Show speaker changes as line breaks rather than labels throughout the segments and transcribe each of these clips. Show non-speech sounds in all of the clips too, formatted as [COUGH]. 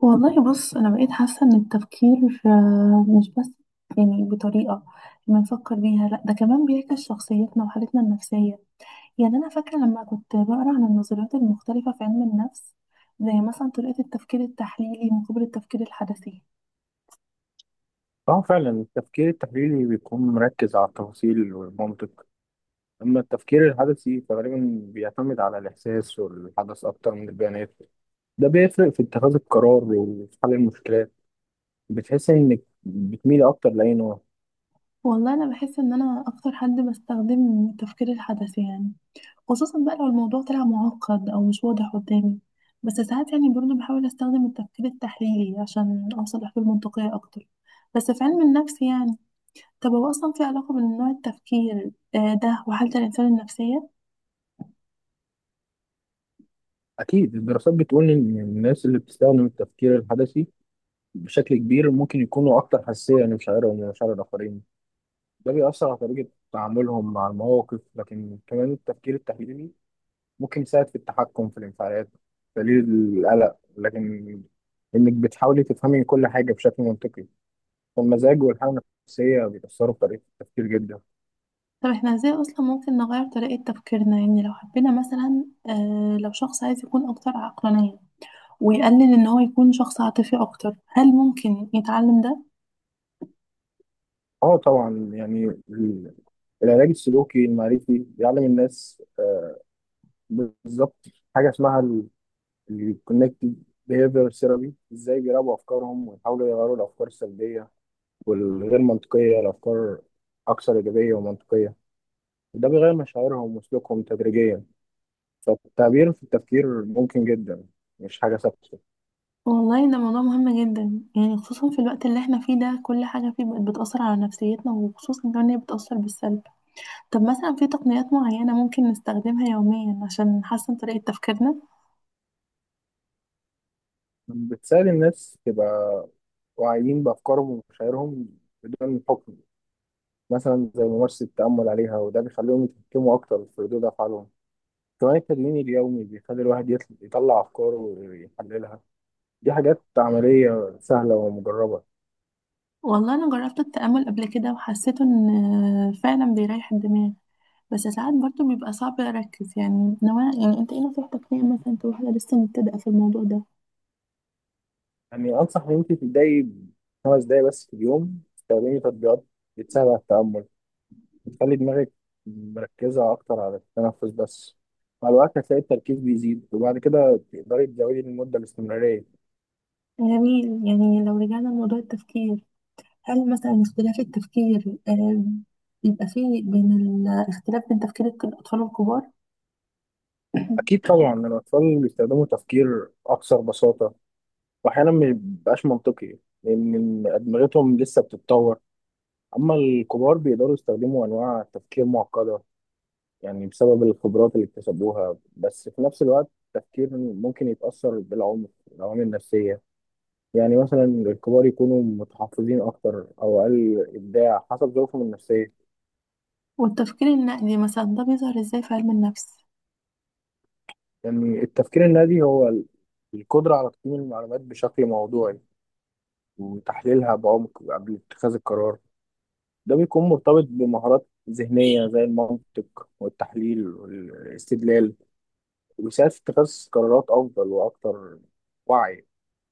والله بص، أنا بقيت حاسة إن التفكير مش بس يعني بطريقة بنفكر بيها، لأ ده كمان بيعكس شخصيتنا وحالتنا النفسية. يعني أنا فاكرة لما كنت بقرأ عن النظريات المختلفة في علم النفس، زي مثلا طريقة التفكير التحليلي مقابل التفكير الحدسي.
اه، فعلا التفكير التحليلي بيكون مركز على التفاصيل والمنطق. اما التفكير الحدثي فغالبا بيعتمد على الاحساس والحدث اكتر من البيانات. ده بيفرق في اتخاذ القرار وفي حل المشكلات. بتحس انك بتميل اكتر لاي نوع؟
والله انا بحس ان انا اكتر حد بستخدم التفكير الحدسي، يعني خصوصا بقى لو الموضوع طلع معقد او مش واضح قدامي. بس ساعات يعني برضه بحاول استخدم التفكير التحليلي عشان اوصل لحلول منطقية اكتر. بس في علم النفس يعني، طب هو اصلا في علاقة بين نوع التفكير ده وحالة الانسان النفسية؟
اكيد الدراسات بتقول ان الناس اللي بتستخدم التفكير الحدثي بشكل كبير ممكن يكونوا اكتر حساسيه لمشاعرهم ومشاعر الاخرين. ده بيأثر على طريقه تعاملهم مع المواقف، لكن كمان التفكير التحليلي ممكن يساعد في التحكم في الانفعالات، تقليل القلق، لكن انك بتحاولي تفهمي كل حاجه بشكل منطقي. فالمزاج والحاله النفسيه بيأثروا في طريقه التفكير جدا.
طب احنا ازاي اصلا ممكن نغير طريقة تفكيرنا، يعني لو حبينا مثلا لو شخص عايز يكون اكتر عقلانية ويقلل ان هو يكون شخص عاطفي اكتر، هل ممكن يتعلم ده؟
اه طبعا، يعني ال- العلاج السلوكي المعرفي بيعلم الناس، بالظبط، حاجه اسمها الكونكتد بيهيفير ثيرابي، ازاي بيراقبوا افكارهم ويحاولوا يغيروا الافكار السلبيه والغير منطقيه لافكار اكثر ايجابيه ومنطقيه. وده بيغير مشاعرهم وسلوكهم تدريجيا. فالتعبير في التفكير ممكن جدا، مش حاجة ثابتة.
والله ده موضوع مهم جدا، يعني خصوصا في الوقت اللي احنا فيه ده كل حاجة فيه بقت بتأثر على نفسيتنا، وخصوصا كمان هي بتأثر بالسلب. طب مثلا في تقنيات معينة ممكن نستخدمها يوميا عشان نحسن طريقة تفكيرنا؟
بتساعد الناس تبقى واعيين بأفكارهم ومشاعرهم بدون حكم، مثلا زي ممارسة التأمل عليها، وده بيخليهم يتحكموا أكتر في ردود أفعالهم. كمان التدوين اليومي بيخلي الواحد يطلع أفكاره ويحللها. دي حاجات عملية سهلة ومجربة.
والله أنا جربت التأمل قبل كده وحسيت إن فعلا بيريح الدماغ، بس ساعات برضه بيبقى صعب أركز، يعني نوع يعني أنت إيه نصيحتك ليا مثلا كواحدة لسه مبتدئة في الموضوع ده؟
يعني أنصح إن أنت تبدأي 5 دقايق بس في اليوم، تستخدمي تطبيقات بتساعد على التأمل، بتخلي دماغك مركزة أكتر على التنفس بس. مع الوقت هتلاقي التركيز بيزيد، وبعد كده تقدري تزودي من المدة الاستمرارية.
جميل. يعني لو رجعنا لموضوع التفكير، هل مثلا اختلاف التفكير بيبقى فيه بين الاختلاف بين تفكير الأطفال والكبار؟ [CLEARS THROAT]
أكيد طبعا، أكيد الأطفال بيستخدموا تفكير أكثر بساطة، وأحيانا ما بيبقاش منطقي، لأن أدمغتهم لسه بتتطور. أما الكبار بيقدروا يستخدموا أنواع تفكير معقدة، يعني بسبب الخبرات اللي اكتسبوها. بس في نفس الوقت التفكير ممكن يتأثر بالعمر، العوامل النفسية، يعني مثلا الكبار يكونوا متحفظين أكتر أو أقل إبداع حسب ظروفهم النفسية.
والتفكير النقدي مثلا ده بيظهر ازاي في علم النفس؟
يعني التفكير النادي هو القدرة على تقييم المعلومات بشكل موضوعي وتحليلها بعمق قبل اتخاذ القرار. ده بيكون مرتبط بمهارات ذهنية زي المنطق والتحليل والاستدلال، وبيساعد في اتخاذ قرارات أفضل وأكثر وعي.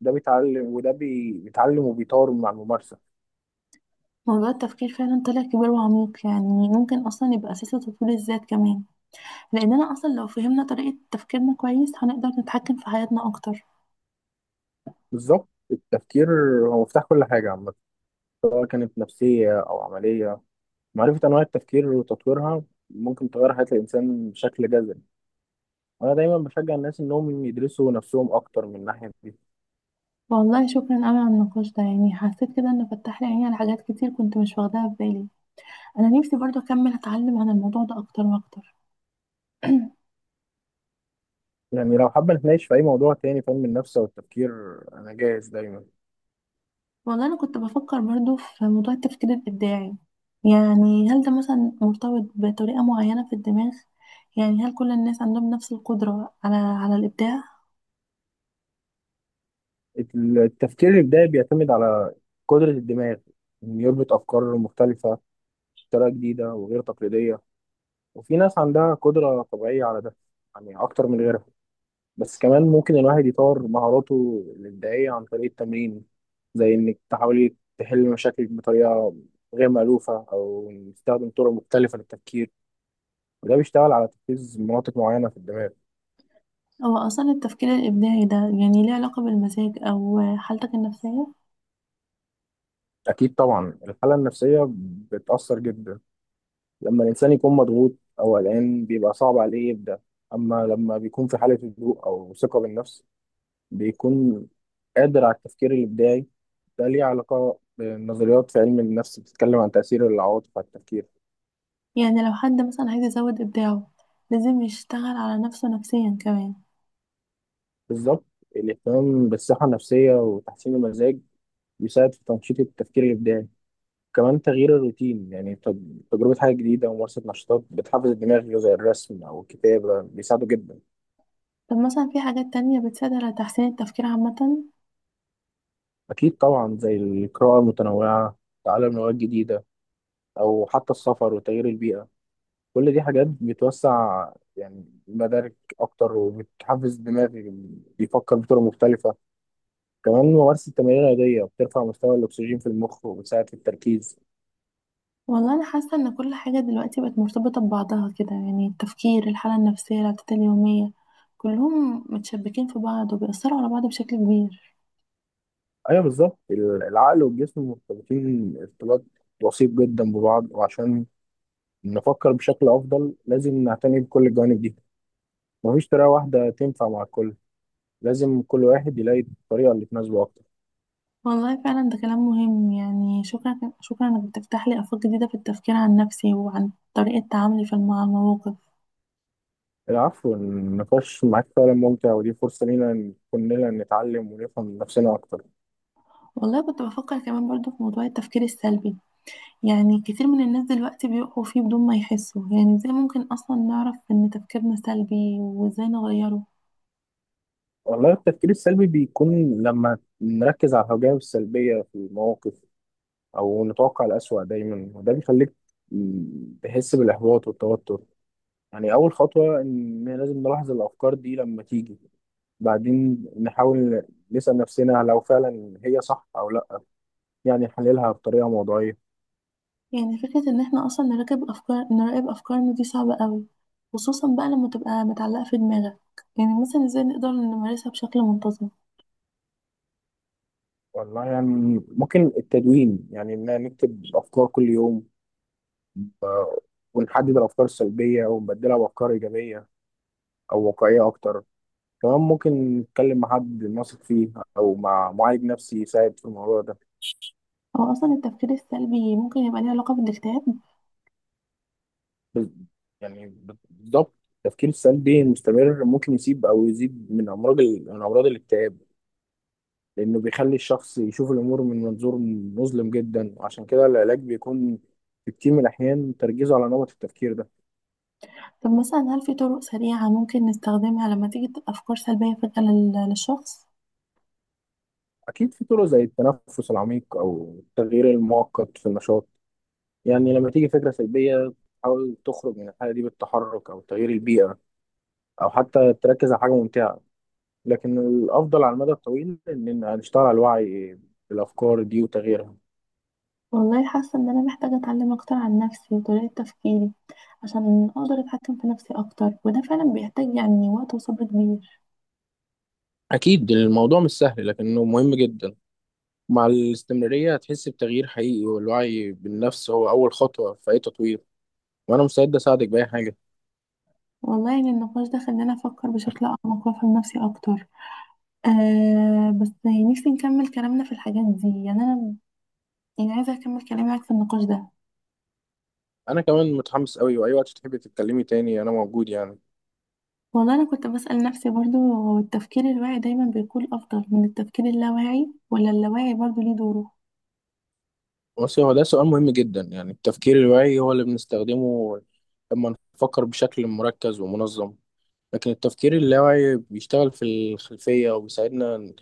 ده بيتعلم، بيتعلم وبيطور مع الممارسة.
موضوع التفكير فعلا طلع كبير وعميق، يعني ممكن اصلا يبقى اساس لتطوير الذات كمان، لاننا اصلا لو فهمنا طريقة تفكيرنا كويس هنقدر نتحكم في حياتنا اكتر.
بالظبط، التفكير هو مفتاح كل حاجة عامة، سواء كانت نفسية أو عملية. معرفة أنواع التفكير وتطويرها ممكن تغير حياة الإنسان بشكل جذري. وأنا دايما بشجع الناس إنهم يدرسوا نفسهم أكتر من الناحية دي.
والله شكرا قوي على النقاش ده، يعني حسيت كده ان فتح لي عيني على حاجات كتير كنت مش واخداها في بالي. انا نفسي برضه اكمل اتعلم عن الموضوع ده اكتر واكتر. [CLEARS THROAT]
يعني لو حابة نتناقش في أي موضوع تاني، فهم النفس أو التفكير، أنا جاهز دايما.
والله أنا كنت بفكر برضو في موضوع التفكير الإبداعي. يعني هل ده مثلا مرتبط بطريقة معينة في الدماغ؟ يعني هل كل الناس عندهم نفس القدرة على الإبداع؟
التفكير الإبداعي بيعتمد على قدرة الدماغ إنه يربط أفكار مختلفة بطريقة جديدة وغير تقليدية. وفي ناس عندها قدرة طبيعية على ده، يعني أكتر من غيرها. بس كمان ممكن الواحد يطور مهاراته الإبداعية عن طريق التمرين، زي إنك تحاولي تحلي مشاكلك بطريقة غير مألوفة، أو نستخدم طرق مختلفة للتفكير. وده بيشتغل على تركيز مناطق معينة في الدماغ.
أو أصلا التفكير الإبداعي ده يعني ليه علاقة بالمزاج أو حالتك النفسية؟
أكيد طبعا، الحالة النفسية بتأثر جدا. لما الإنسان يكون مضغوط أو قلقان بيبقى صعب عليه يبدأ. أما لما بيكون في حالة هدوء أو ثقة بالنفس بيكون قادر على التفكير الإبداعي. ده ليه علاقة بنظريات في علم النفس بتتكلم عن تأثير العواطف على التفكير.
يعني لو حد مثلا عايز يزود إبداعه، لازم يشتغل على نفسه نفسيا كمان؟
بالظبط، الاهتمام بالصحة النفسية وتحسين المزاج بيساعد في تنشيط التفكير الإبداعي. كمان تغيير الروتين، يعني تجربة حاجة جديدة وممارسة نشاطات بتحفز الدماغ زي الرسم أو الكتابة، بيساعده جدا.
طب مثلا في حاجات تانية بتساعد على تحسين التفكير عامة؟
أكيد طبعا، زي القراءة المتنوعة، تعلم لغات جديدة، أو حتى السفر وتغيير البيئة، كل دي حاجات بتوسع يعني مدارك أكتر، وبتحفز الدماغ بيفكر بطرق مختلفة. كمان ممارسة تمارين رياضية بترفع مستوى الأكسجين في المخ وبتساعد في التركيز.
والله انا حاسه ان كل حاجه دلوقتي بقت مرتبطه ببعضها كده، يعني التفكير، الحاله النفسيه، العادات اليوميه، كلهم متشبكين في بعض وبيأثروا على بعض بشكل كبير.
ايوه بالظبط، العقل والجسم مرتبطين ارتباط وثيق جدا ببعض، وعشان نفكر بشكل افضل لازم نعتني بكل الجوانب دي. مفيش طريقه واحده تنفع مع الكل، لازم كل واحد يلاقي الطريقه اللي تناسبه اكتر.
والله فعلا ده كلام مهم، يعني شكرا شكرا انك بتفتح لي افاق جديده في التفكير عن نفسي وعن طريقه تعاملي في مع المواقف.
العفو، النقاش معاك فعلا ممتع، ودي فرصه لينا إن كلنا نتعلم ونفهم نفسنا اكتر.
والله كنت بفكر كمان برضو في موضوع التفكير السلبي. يعني كتير من الناس دلوقتي بيقعوا فيه بدون ما يحسوا، يعني ازاي ممكن اصلا نعرف ان تفكيرنا سلبي وازاي نغيره؟
والله التفكير السلبي بيكون لما نركز على الجوانب السلبيه في المواقف، او نتوقع الأسوأ دايما، وده بيخليك تحس بالاحباط والتوتر. يعني أول خطوة إن لازم نلاحظ الأفكار دي لما تيجي، بعدين نحاول نسأل نفسنا لو فعلا هي صح أو لأ، يعني نحللها بطريقة موضوعية.
يعني فكرة ان احنا اصلا نراقب افكارنا دي صعبة قوي، خصوصا بقى لما تبقى متعلقة في دماغك. يعني مثلا ازاي نقدر نمارسها بشكل منتظم؟
والله يعني ممكن التدوين، يعني إن نكتب أفكار كل يوم، آه، ونحدد الأفكار السلبية ونبدلها بأفكار إيجابية أو واقعية أكتر. كمان ممكن نتكلم مع حد نثق فيه، أو مع معالج نفسي يساعد في الموضوع ده.
هو اصلا التفكير السلبي ممكن يبقى ليه علاقة بالاكتئاب؟
بز- يعني بالظبط، التفكير السلبي المستمر ممكن يسيب او يزيد من امراض من امراض الاكتئاب، لانه بيخلي الشخص يشوف الامور من منظور مظلم جدا. وعشان كده العلاج بيكون في كتير من الاحيان تركيزه على نمط التفكير ده.
طب مثلا هل في طرق سريعة ممكن نستخدمها لما تيجي افكار سلبية فجأة للشخص؟
اكيد في طرق زي التنفس العميق او التغيير المؤقت في النشاط. يعني لما تيجي فكره سلبيه تحاول تخرج من الحاله دي بالتحرك او تغيير البيئه، او حتى تركز على حاجه ممتعه. لكن الأفضل على المدى الطويل إن نشتغل على الوعي بالأفكار دي وتغييرها.
والله حاسة ان انا محتاجة اتعلم اكتر عن نفسي وطريقة تفكيري، عشان اقدر اتحكم في نفسي اكتر، وده فعلا بيحتاج يعني وقت وصبر كبير.
أكيد الموضوع مش سهل لكنه مهم جدا. مع الاستمرارية هتحس بتغيير حقيقي، والوعي بالنفس هو أول خطوة في أي تطوير. وأنا مستعد أساعدك بأي حاجة.
والله يعني النقاش ده خلاني افكر بشكل اعمق وافهم نفسي اكتر. آه، بس يعني نفسي نكمل كلامنا في الحاجات دي، يعني انا يعني عايزه اكمل كلامي معاك في النقاش ده.
أنا كمان متحمس أوي، وأي وقت تحبي تتكلمي تاني أنا موجود يعني.
والله انا كنت بسأل نفسي برضو، هو التفكير الواعي دايما بيكون افضل من التفكير اللاواعي، ولا اللاواعي برضو ليه دوره؟
بس هو ده سؤال مهم جدا. يعني التفكير الواعي هو اللي بنستخدمه لما نفكر بشكل مركز ومنظم، لكن التفكير اللاواعي بيشتغل في الخلفية وبيساعدنا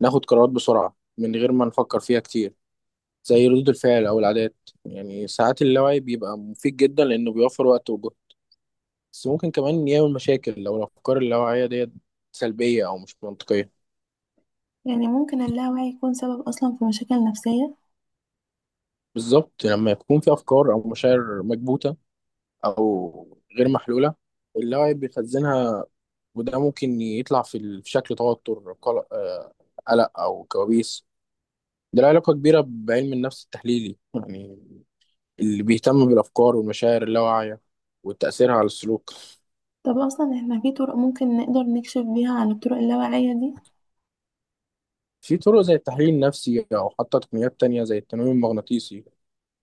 ناخد قرارات بسرعة من غير ما نفكر فيها كتير، زي ردود الفعل أو العادات. يعني ساعات اللاوعي بيبقى مفيد جدا لأنه بيوفر وقت وجهد، بس ممكن كمان يعمل مشاكل لو الأفكار اللاواعية ديت سلبية أو مش منطقية.
يعني ممكن اللاواعي يكون سبب اصلا في مشاكل نفسية؟
بالظبط، لما يكون في أفكار أو مشاعر مكبوتة أو غير محلولة، اللاوعي بيخزنها، وده ممكن يطلع في في شكل توتر، قلق، قلق أو كوابيس. ده له علاقة كبيرة بعلم النفس التحليلي، يعني اللي بيهتم بالأفكار والمشاعر اللاواعية وتأثيرها على السلوك.
طب اصلا احنا في طرق ممكن نقدر نكشف بيها عن الطرق اللاواعية دي؟
في طرق زي التحليل النفسي، أو حتى تقنيات تانية زي التنويم المغناطيسي،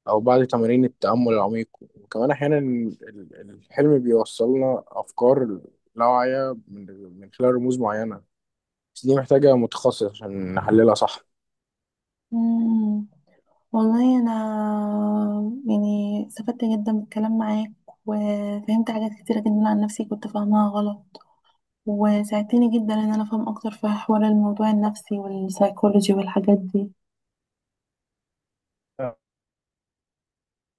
أو بعض تمارين التأمل العميق. وكمان أحيانا الحلم بيوصلنا أفكار لاواعية من خلال رموز معينة. بس دي محتاجة متخصص عشان نحللها صح.
مم. والله انا يعني استفدت جدا بالكلام معاك، وفهمت حاجات كتيرة جدا عن نفسي كنت فاهمها غلط، وساعدتني جدا ان انا افهم اكتر في حوار الموضوع النفسي والسايكولوجي والحاجات دي.